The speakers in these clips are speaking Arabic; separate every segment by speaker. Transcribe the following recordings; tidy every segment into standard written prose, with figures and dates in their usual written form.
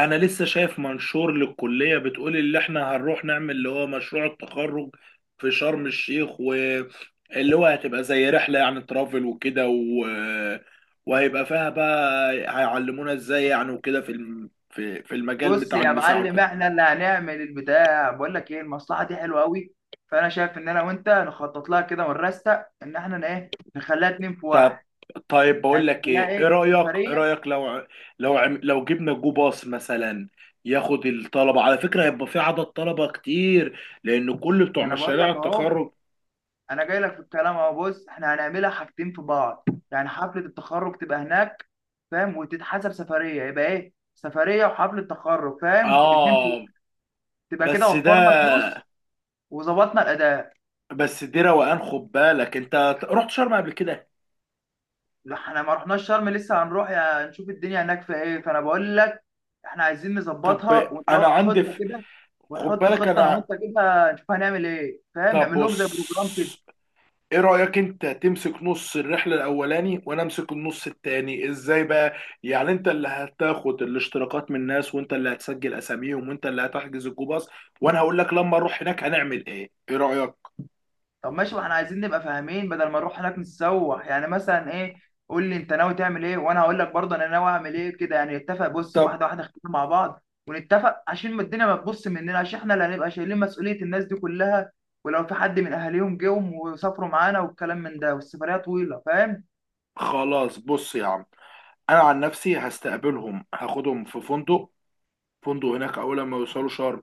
Speaker 1: انا لسه شايف منشور للكليه بتقول اللي احنا هنروح نعمل اللي هو مشروع التخرج في شرم الشيخ، واللي هو هتبقى زي رحله، يعني ترافل وكده. وهيبقى فيها بقى هيعلمونا ازاي يعني وكده، في المجال
Speaker 2: بص
Speaker 1: بتاع
Speaker 2: يا
Speaker 1: المساعه
Speaker 2: معلم،
Speaker 1: وكده.
Speaker 2: احنا اللي هنعمل البتاع. بقول لك ايه، المصلحه دي حلوه قوي. فانا شايف ان انا وانت نخطط لها كده، ونرستق ان احنا ايه، نخليها اتنين في
Speaker 1: طب،
Speaker 2: واحد.
Speaker 1: طيب بقول
Speaker 2: يعني
Speaker 1: لك
Speaker 2: نخليها
Speaker 1: ايه ايه
Speaker 2: ايه،
Speaker 1: رايك،
Speaker 2: سفريه.
Speaker 1: لو جبنا جو باص مثلا، ياخد الطلبه. على فكره هيبقى في عدد طلبه كتير، لان كل بتوع
Speaker 2: ما انا بقول
Speaker 1: مشاريع
Speaker 2: لك اهو،
Speaker 1: التخرج.
Speaker 2: انا جاي لك في الكلام اهو. بص، احنا هنعملها حاجتين في بعض، يعني حفله التخرج تبقى هناك، فاهم، وتتحسب سفريه، يبقى ايه، سفريه وحفله تخرج، فاهم، الاتنين في.
Speaker 1: اه.
Speaker 2: تبقى كده،
Speaker 1: بس ده
Speaker 2: وفرنا فلوس وظبطنا الاداء.
Speaker 1: بس دي روقان، خد بالك انت، رحت شرم قبل كده؟
Speaker 2: لا احنا ما رحناش شرم، لسه هنروح، يا نشوف الدنيا هناك في ايه، فانا بقول لك احنا عايزين
Speaker 1: طب.
Speaker 2: نظبطها
Speaker 1: انا
Speaker 2: ونروق
Speaker 1: عندي
Speaker 2: خطه
Speaker 1: في
Speaker 2: كده.
Speaker 1: خد
Speaker 2: ونحط
Speaker 1: بالك
Speaker 2: خطه انا وانت
Speaker 1: انا
Speaker 2: كده، نشوف هنعمل ايه، فاهم،
Speaker 1: طب
Speaker 2: نعمل لهم
Speaker 1: بص،
Speaker 2: زي بروجرام كده.
Speaker 1: ايه رأيك انت تمسك نص الرحلة الاولاني وانا امسك النص التاني؟ ازاي بقى؟ يعني انت اللي هتاخد الاشتراكات من الناس، وانت اللي هتسجل اساميهم، وانت اللي هتحجز الجوباص، وانا هقول لك لما اروح هناك هنعمل ايه. ايه رأيك؟
Speaker 2: طب ماشي، ما احنا عايزين نبقى فاهمين، بدل ما نروح هناك نتسوح، يعني مثلا ايه. قول لي انت ناوي تعمل ايه، وانا هقول لك برضه انا ناوي اعمل ايه، كده يعني نتفق. بص،
Speaker 1: طب،
Speaker 2: واحده واحده اختار مع بعض ونتفق، عشان ما الدنيا ما تبص مننا، عشان احنا اللي هنبقى شايلين مسؤوليه الناس دي كلها. ولو في حد من اهاليهم جم وسافروا معانا والكلام من ده، والسفريه طويله، فاهم.
Speaker 1: خلاص، بص يا عم، انا عن نفسي هستقبلهم، هاخدهم في فندق، فندق هناك اول ما يوصلوا شرم،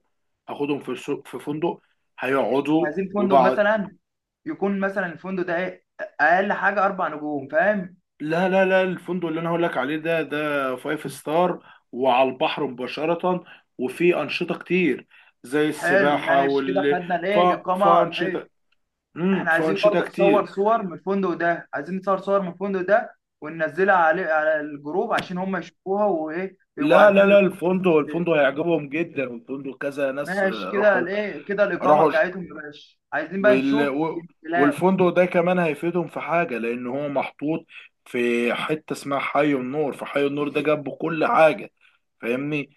Speaker 1: اخدهم في فندق، هيقعدوا.
Speaker 2: عايزين فندق
Speaker 1: وبعد
Speaker 2: مثلا، يكون مثلا الفندق ده ايه، اقل حاجه 4 نجوم، فاهم.
Speaker 1: لا لا لا، الفندق اللي انا هقول لك عليه ده فايف ستار، وعلى البحر مباشرة، وفي انشطة كتير زي
Speaker 2: حلو
Speaker 1: السباحة.
Speaker 2: ماشي كده، خدنا
Speaker 1: ف...
Speaker 2: ليه الاقامه بحيث
Speaker 1: فانشطة،
Speaker 2: احنا عايزين
Speaker 1: فانشطة
Speaker 2: برضو
Speaker 1: كتير.
Speaker 2: نصور صور من الفندق ده. عايزين نصور صور من الفندق ده، وننزلها عليه على الجروب، عشان هم يشوفوها، وايه، يبقوا
Speaker 1: لا
Speaker 2: عارفين.
Speaker 1: لا لا، الفندق
Speaker 2: الايه،
Speaker 1: الفندق هيعجبهم جدا، والفندق كذا ناس،
Speaker 2: ماشي كده،
Speaker 1: راحوا.
Speaker 2: الايه كده الاقامه
Speaker 1: راحوا.
Speaker 2: بتاعتهم يا باشا، عايزين بقى
Speaker 1: وال...
Speaker 2: نشوف
Speaker 1: و-
Speaker 2: الامتلاك.
Speaker 1: والفندق ده كمان هيفيدهم في حاجة، لأن هو محطوط في حتة اسمها حي النور، فحي النور ده جنبه كل حاجة، فاهمني؟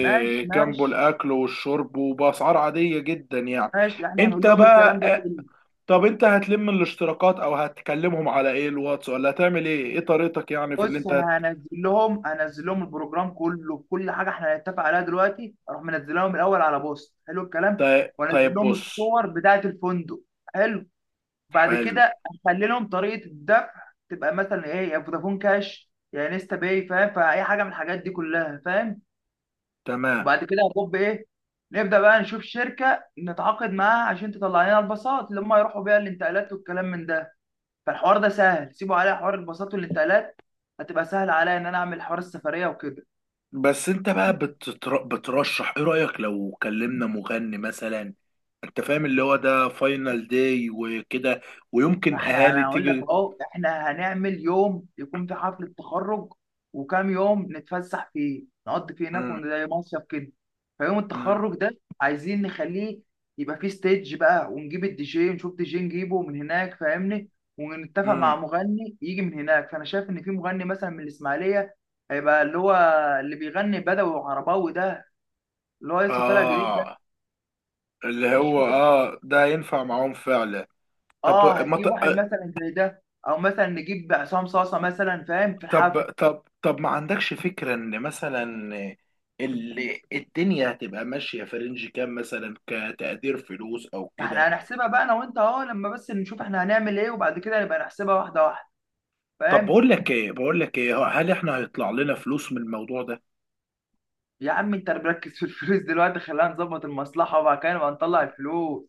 Speaker 2: ماشي،
Speaker 1: جنبه
Speaker 2: ماشي،
Speaker 1: الأكل والشرب وبأسعار عادية جدا يعني.
Speaker 2: ماشي، احنا
Speaker 1: أنت
Speaker 2: هنقول لهم
Speaker 1: بقى،
Speaker 2: الكلام ده كله.
Speaker 1: طب، أنت هتلم الاشتراكات، أو هتكلمهم على إيه، الواتس، ولا هتعمل إيه طريقتك، يعني في
Speaker 2: بص، انا هنزل لهم البروجرام كله، بكل حاجه احنا هنتفق عليها دلوقتي. اروح منزل لهم الاول على بوست حلو الكلام، وانزل
Speaker 1: طيب
Speaker 2: لهم
Speaker 1: بص.
Speaker 2: الصور بتاعه الفندق. حلو، بعد
Speaker 1: حلو.
Speaker 2: كده اخلي لهم طريقه الدفع، تبقى مثلا ايه، يا فودافون كاش يا انستا باي، فاهم، فاي حاجه من الحاجات دي كلها، فاهم.
Speaker 1: تمام.
Speaker 2: وبعد كده هطب ايه، نبدا بقى نشوف شركه نتعاقد معاها عشان تطلع لنا الباصات اللي هم يروحوا بيها، الانتقالات والكلام من ده. فالحوار ده سهل، سيبوا عليا حوار الباصات والانتقالات. هتبقى سهل عليا ان انا اعمل حوار السفريه وكده.
Speaker 1: بس انت بقى بترشح، ايه رأيك لو كلمنا مغني مثلا؟ انت فاهم، اللي هو ده فاينل داي وكده،
Speaker 2: ما
Speaker 1: ويمكن
Speaker 2: احنا،
Speaker 1: اهالي
Speaker 2: انا هقول لك
Speaker 1: تيجي.
Speaker 2: اهو، احنا هنعمل يوم يكون في حفله تخرج، وكام يوم نتفسح فيه نقضي فيه هناك
Speaker 1: مم.
Speaker 2: زي مصيف كده. فيوم
Speaker 1: مم.
Speaker 2: التخرج ده، عايزين نخليه يبقى فيه ستيج بقى، ونجيب الدي جي، نشوف دي جي نجيبه من هناك، فاهمني. ونتفق مع
Speaker 1: مم.
Speaker 2: مغني يجي من هناك، فانا شايف ان في مغني مثلا من الاسماعيليه، هيبقى اللي هو اللي بيغني بدوي وعرباوي ده، اللي هو لسه طالع جديد.
Speaker 1: اه، اللي
Speaker 2: مش
Speaker 1: هو
Speaker 2: فاكر.
Speaker 1: ده ينفع معاهم فعلا. طب،
Speaker 2: اه
Speaker 1: ما ت...
Speaker 2: هنجيب واحد مثلا زي ده، او مثلا نجيب عصام صاصه مثلا، فاهم، في
Speaker 1: طب
Speaker 2: الحفل.
Speaker 1: طب طب ما عندكش فكرة ان مثلا، اللي الدنيا هتبقى ماشية في رينج كام مثلا، كتقدير فلوس او كده؟
Speaker 2: فاحنا هنحسبها بقى انا وانت اهو، لما بس نشوف احنا هنعمل ايه، وبعد كده نبقى نحسبها واحده واحده،
Speaker 1: طب،
Speaker 2: فاهم.
Speaker 1: بقول لك ايه، هل احنا هيطلع لنا فلوس من الموضوع ده؟
Speaker 2: يا عم، انت مركز في الفلوس دلوقتي. خلينا نظبط المصلحه وبعد كده نبقى نطلع الفلوس،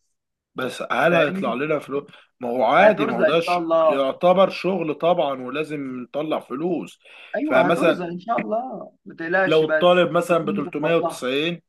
Speaker 1: بس هل هيطلع
Speaker 2: فاهمني.
Speaker 1: لنا فلوس؟ ما هو عادي، ما هو
Speaker 2: هترزق ان شاء الله.
Speaker 1: يعتبر شغل طبعا، ولازم نطلع فلوس.
Speaker 2: ايوه،
Speaker 1: فمثلا،
Speaker 2: هترزق ان شاء الله، ما تقلقش، بس
Speaker 1: لو الطالب مثلا
Speaker 2: عايزين
Speaker 1: ب
Speaker 2: نظبط لها.
Speaker 1: 390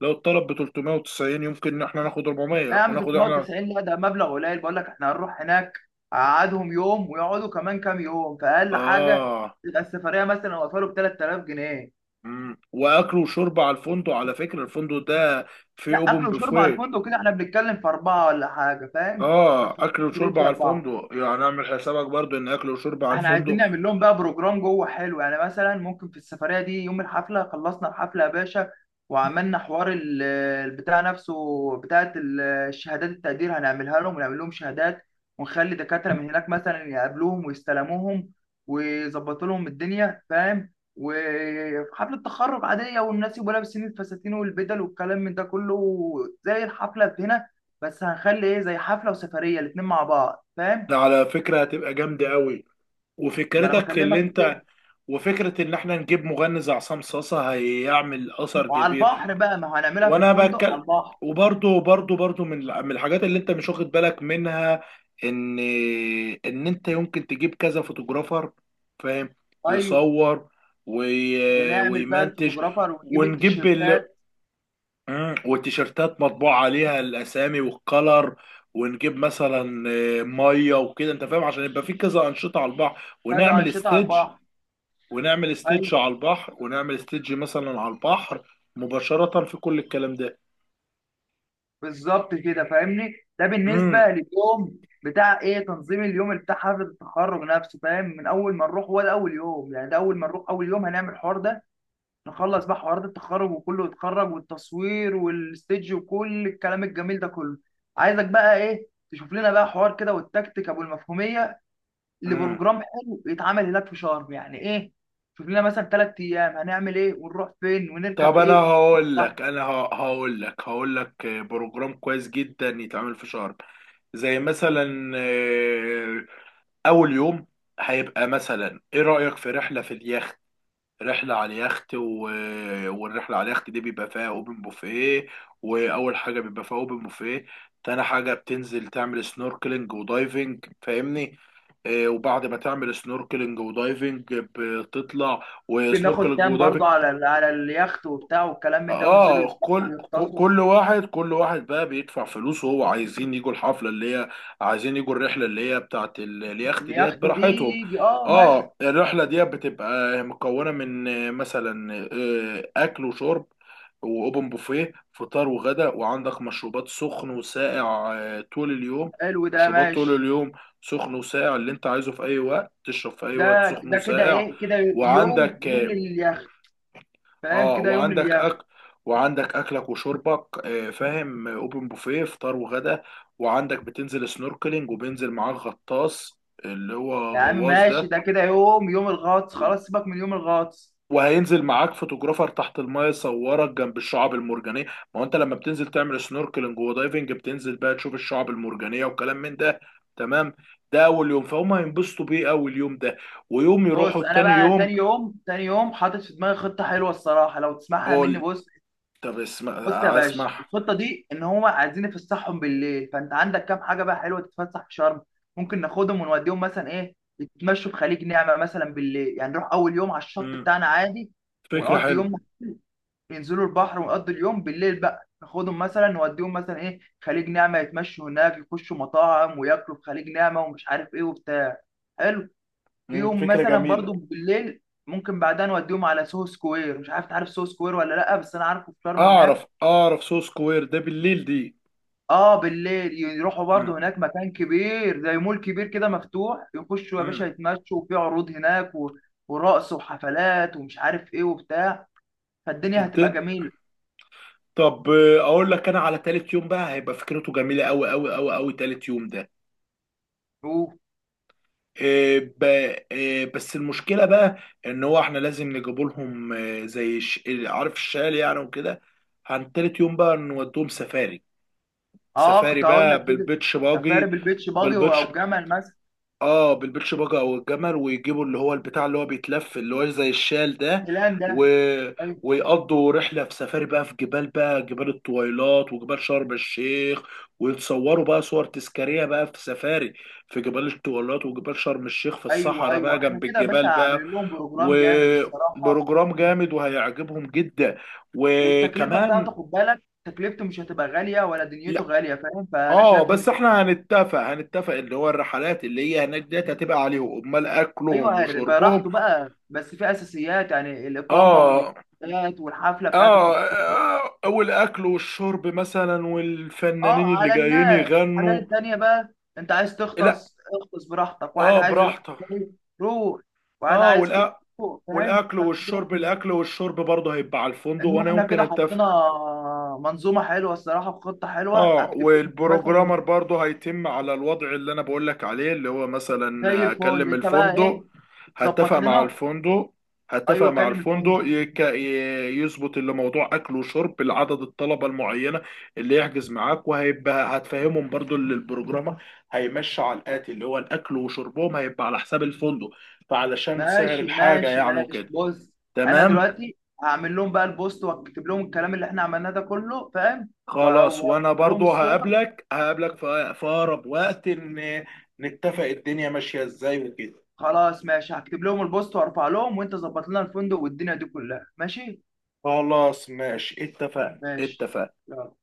Speaker 1: لو الطالب ب 390، يمكن ان احنا ناخد
Speaker 2: لا يا
Speaker 1: 400،
Speaker 2: عم،
Speaker 1: وناخد احنا.
Speaker 2: 390 لا، ده مبلغ قليل، بقول لك احنا هنروح هناك، قعدهم يوم ويقعدوا كمان كام يوم، فاقل حاجه
Speaker 1: اه.
Speaker 2: تبقى السفريه مثلا وصلوا ب 3000 جنيه.
Speaker 1: واكل وشرب على الفندق، على فكرة الفندق ده فيه
Speaker 2: لا،
Speaker 1: اوبن
Speaker 2: اكل وشرب على
Speaker 1: بوفيه.
Speaker 2: الفندق، كده احنا بنتكلم في اربعه ولا حاجه، فاهم.
Speaker 1: اه،
Speaker 2: ما
Speaker 1: اكل وشرب
Speaker 2: تخرجش
Speaker 1: على
Speaker 2: اربعه.
Speaker 1: الفندق، يعني اعمل حسابك برضو ان اكل وشرب على
Speaker 2: احنا عايزين
Speaker 1: الفندق.
Speaker 2: نعمل لهم بقى بروجرام جوه حلو، يعني مثلا ممكن في السفرية دي يوم الحفلة، خلصنا الحفلة يا باشا، وعملنا البتاع نفسه، بتاعة الشهادات التقدير هنعملها لهم، ونعمل لهم شهادات. ونخلي دكاترة من هناك مثلا يقابلوهم ويستلموهم، ويظبطوا لهم الدنيا، فاهم، وحفلة تخرج عادية، والناس يبقوا لابسين الفساتين والبدل والكلام من ده كله، زي الحفلة هنا، بس هنخلي ايه، زي حفلة وسفرية الاتنين مع بعض، فاهم.
Speaker 1: ده على فكرة هتبقى جامدة قوي،
Speaker 2: ما انا
Speaker 1: وفكرتك اللي
Speaker 2: بكلمك في كده.
Speaker 1: انت وفكرة إن إحنا نجيب مغني زي عصام صاصة هيعمل أثر
Speaker 2: وعلى
Speaker 1: كبير،
Speaker 2: البحر بقى، ما هو هنعملها في
Speaker 1: وأنا
Speaker 2: الفندق على
Speaker 1: بتكلم.
Speaker 2: البحر.
Speaker 1: وبرضه برضه، من الحاجات اللي أنت مش واخد بالك منها، إن إن أنت يمكن تجيب كذا فوتوغرافر، فاهم؟
Speaker 2: ايوه،
Speaker 1: يصور،
Speaker 2: ونعمل بقى
Speaker 1: ويمنتج.
Speaker 2: الفوتوغرافر ونجيب
Speaker 1: ونجيب ال...
Speaker 2: التيشيرتات.
Speaker 1: والتيشيرتات مطبوع عليها الأسامي والكلر. ونجيب مثلا، ميه وكده، انت فاهم، عشان يبقى في كذا انشطه على البحر،
Speaker 2: كذا
Speaker 1: ونعمل
Speaker 2: انشطه على
Speaker 1: ستيدج،
Speaker 2: البحر. ايوه،
Speaker 1: ونعمل استيدج مثلا على البحر مباشرة، في كل الكلام ده.
Speaker 2: بالظبط كده، فاهمني، ده بالنسبه
Speaker 1: امم.
Speaker 2: لليوم بتاع ايه، تنظيم اليوم بتاع حفله التخرج نفسه، فاهم، من اول ما نروح هو ده اول يوم، يعني ده اول ما نروح اول يوم هنعمل الحوار ده. نخلص بقى حوارات التخرج وكله يتخرج، والتصوير والستيج وكل الكلام الجميل ده كله. عايزك بقى ايه، تشوف لنا بقى حوار كده والتكتيك ابو المفهوميه
Speaker 1: امم.
Speaker 2: لبروجرام حلو يتعمل هناك في شرم، يعني ايه. شوف لنا مثلا 3 ايام هنعمل ايه، ونروح فين، ونركب
Speaker 1: طب، انا
Speaker 2: ايه.
Speaker 1: هقول
Speaker 2: صح.
Speaker 1: لك، هقول لك بروجرام كويس جدا يتعمل في شرم. زي مثلا، اول يوم، هيبقى مثلا، ايه رأيك في رحلة على اليخت. والرحلة على اليخت دي بيبقى فيها اوبن بوفيه، وأول حاجة بيبقى فيها اوبن بوفيه تاني حاجة بتنزل تعمل سنوركلينج ودايفنج، فاهمني؟ وبعد ما تعمل سنوركلينج ودايفنج بتطلع.
Speaker 2: ممكن ناخد
Speaker 1: وسنوركلينج
Speaker 2: كام
Speaker 1: ودايفنج
Speaker 2: برضه على اليخت وبتاع والكلام من ده، وننزلوا
Speaker 1: اه،
Speaker 2: يسبحوا ويغطسوا.
Speaker 1: كل واحد بقى بيدفع فلوسه، هو عايزين يجوا الحفله اللي هي، عايزين يجوا الرحله اللي هي بتاعت اليخت ديت،
Speaker 2: اليخت دي
Speaker 1: براحتهم.
Speaker 2: يجي. اه ماشي.
Speaker 1: اه، الرحله ديت بتبقى مكونه من، مثلا، اكل وشرب، واوبن بوفيه، فطار وغدا، وعندك مشروبات سخن وساقع، طول اليوم.
Speaker 2: حلو ده
Speaker 1: مشروبات
Speaker 2: ماشي.
Speaker 1: طول اليوم سخن وساقع، اللي انت عايزه في اي وقت، تشرب في اي وقت،
Speaker 2: ده
Speaker 1: سخن
Speaker 2: ده كده
Speaker 1: وساقع.
Speaker 2: ايه، كده يوم
Speaker 1: وعندك،
Speaker 2: يوم لليخت، فاهم
Speaker 1: اه
Speaker 2: كده، يوم
Speaker 1: وعندك
Speaker 2: لليخت.
Speaker 1: اكل، وعندك اكلك وشربك، فاهم؟ اوبن بوفيه، فطار وغدا. وعندك بتنزل سنوركلينج، وبينزل معاك غطاس اللي هو
Speaker 2: يا عم
Speaker 1: غواص
Speaker 2: ماشي،
Speaker 1: ده،
Speaker 2: ده كده يوم يوم الغطس،
Speaker 1: و-
Speaker 2: خلاص سيبك من يوم الغطس.
Speaker 1: وهينزل معاك فوتوغرافر تحت المايه يصورك جنب الشعاب المرجانيه. ما هو انت لما بتنزل تعمل سنوركلينج ودايفنج، بتنزل بقى تشوف الشعاب المرجانيه وكلام من ده، تمام. ده اول يوم، فهم؟ هينبسطوا بيه اول يوم ده. ويوم يروحوا
Speaker 2: بص انا
Speaker 1: التاني
Speaker 2: بقى
Speaker 1: يوم.
Speaker 2: تاني يوم، تاني يوم حاطط في دماغي خطه حلوه الصراحه، لو تسمعها مني،
Speaker 1: قول.
Speaker 2: بص.
Speaker 1: طب اسمع.
Speaker 2: بص يا باشا،
Speaker 1: اسمح.
Speaker 2: الخطه دي ان هو عايزين يفسحهم بالليل، فانت عندك كام حاجه بقى حلوه تتفسح في شرم. ممكن ناخدهم ونوديهم مثلا ايه، يتمشوا في خليج نعمه مثلا بالليل، يعني نروح اول يوم على الشط
Speaker 1: مم،
Speaker 2: بتاعنا عادي،
Speaker 1: فكره
Speaker 2: ونقضي
Speaker 1: حلوه.
Speaker 2: يوم، ينزلوا البحر ونقضي اليوم. بالليل بقى ناخدهم مثلا، نوديهم مثلا ايه خليج نعمه، يتمشوا هناك يخشوا مطاعم وياكلوا في خليج نعمه، ومش عارف ايه وبتاع. حلو. في يوم
Speaker 1: فكرة
Speaker 2: مثلا
Speaker 1: جميلة.
Speaker 2: برضو بالليل ممكن بعدها نوديهم على سوهو سكوير، مش عارف تعرف سوهو سكوير ولا لا، بس انا عارفه في شرم
Speaker 1: أعرف،
Speaker 2: هناك.
Speaker 1: سو سكوير ده بالليل دي.
Speaker 2: اه بالليل يروحوا
Speaker 1: مم.
Speaker 2: برضه هناك، مكان كبير زي مول كبير كده مفتوح، يخشوا يا باشا
Speaker 1: مم.
Speaker 2: يتمشوا، وفي عروض هناك ورقص وحفلات ومش عارف ايه وبتاع، فالدنيا هتبقى
Speaker 1: الدن
Speaker 2: جميلة.
Speaker 1: طب، أقول لك، أنا على تالت يوم بقى، هيبقى فكرته جميلة أوي أوي أوي أوي. تالت يوم ده،
Speaker 2: شوف،
Speaker 1: آه، ب- بس المشكلة بقى، إن هو إحنا لازم نجيب لهم، عارف الشال يعني وكده. عن تالت يوم بقى نودوهم سفاري.
Speaker 2: اه
Speaker 1: سفاري
Speaker 2: كنت هقول لك
Speaker 1: بقى
Speaker 2: كده، سفاري بالبيتش باجي
Speaker 1: بالبيتش،
Speaker 2: او جمل مثلا.
Speaker 1: اه بالبيتش باجا او الجمل، ويجيبوا اللي هو البتاع اللي هو بيتلف اللي هو زي الشال ده.
Speaker 2: الان
Speaker 1: و...
Speaker 2: ده. ايوه،
Speaker 1: ويقضوا رحله في سفاري بقى، في جبال الطويلات وجبال شرم الشيخ. ويتصوروا بقى صور تذكاريه بقى في سفاري، في جبال الطويلات وجبال شرم الشيخ، في
Speaker 2: ايوه،
Speaker 1: الصحراء بقى
Speaker 2: ايوه، احنا
Speaker 1: جنب
Speaker 2: كده يا باشا
Speaker 1: الجبال بقى.
Speaker 2: عاملين لهم بروجرام جامد الصراحة.
Speaker 1: وبروجرام جامد وهيعجبهم جدا
Speaker 2: والتكلفة
Speaker 1: وكمان.
Speaker 2: بتاعته، خد بالك تكلفته مش هتبقى غالية ولا دنيته
Speaker 1: لا،
Speaker 2: غالية، فاهم، فانا
Speaker 1: اه،
Speaker 2: شايف ان
Speaker 1: بس احنا هنتفق، اللي هو الرحلات اللي هي هناك ديت هتبقى عليهم، امال اكلهم
Speaker 2: ايوه هيبقى
Speaker 1: وشربهم.
Speaker 2: راحته بقى، بس في اساسيات يعني الاقامه
Speaker 1: آه.
Speaker 2: والاستاد والحفله بتاعت
Speaker 1: آه.
Speaker 2: التخطيط.
Speaker 1: والأكل والشرب مثلا، والفنانين
Speaker 2: اه،
Speaker 1: اللي
Speaker 2: على
Speaker 1: جايين
Speaker 2: الناس الحاجات
Speaker 1: يغنوا.
Speaker 2: التانيه بقى، انت عايز
Speaker 1: لا،
Speaker 2: تغطس اغطس براحتك، واحد عايز يروح
Speaker 1: براحتك.
Speaker 2: مكان، روح. واحد
Speaker 1: آه
Speaker 2: عايز كده
Speaker 1: والأ...
Speaker 2: روح، فاهم،
Speaker 1: والأكل
Speaker 2: فانا شايف
Speaker 1: والشرب
Speaker 2: ان
Speaker 1: الأكل والشرب برضه هيبقى على الفندق،
Speaker 2: إن
Speaker 1: وأنا
Speaker 2: احنا
Speaker 1: يمكن
Speaker 2: كده
Speaker 1: أتفق.
Speaker 2: حطينا منظومه حلوه الصراحه، وخطه حلوه
Speaker 1: اه،
Speaker 2: اكتيفيتي مثلا،
Speaker 1: والبروجرامر برضه هيتم على الوضع اللي انا بقولك عليه، اللي هو
Speaker 2: زي
Speaker 1: مثلا
Speaker 2: الفل.
Speaker 1: اكلم
Speaker 2: انت بقى
Speaker 1: الفندق.
Speaker 2: ايه،
Speaker 1: هتفق
Speaker 2: ظبط
Speaker 1: مع
Speaker 2: لنا.
Speaker 1: الفندق هتفق
Speaker 2: ايوه،
Speaker 1: مع
Speaker 2: كلم الفندق.
Speaker 1: الفندق، يظبط اللي موضوع اكل وشرب لعدد الطلبه المعينه، اللي يحجز معاك. وهيبقى هتفهمهم برضو اللي البروجرامر هيمشي على الاتي، اللي هو الاكل وشربهم هيبقى على حساب الفندق، فعلشان سعر
Speaker 2: ماشي،
Speaker 1: الحاجه
Speaker 2: ماشي،
Speaker 1: يعني
Speaker 2: ماشي،
Speaker 1: وكده.
Speaker 2: بص انا
Speaker 1: تمام.
Speaker 2: دلوقتي هعمل لهم بقى البوست، واكتب لهم الكلام اللي احنا عملناه ده كله، فاهم،
Speaker 1: خلاص، وانا
Speaker 2: وارفع لهم
Speaker 1: برضو
Speaker 2: الصور.
Speaker 1: هقابلك في اقرب وقت، ان نتفق الدنيا ماشية ازاي وكده.
Speaker 2: خلاص ماشي، هكتب لهم البوست وارفع لهم، وانت ظبط لنا الفندق والدنيا دي كلها، ماشي،
Speaker 1: خلاص ماشي، اتفقنا،
Speaker 2: ماشي،
Speaker 1: اتفقنا.
Speaker 2: يلا.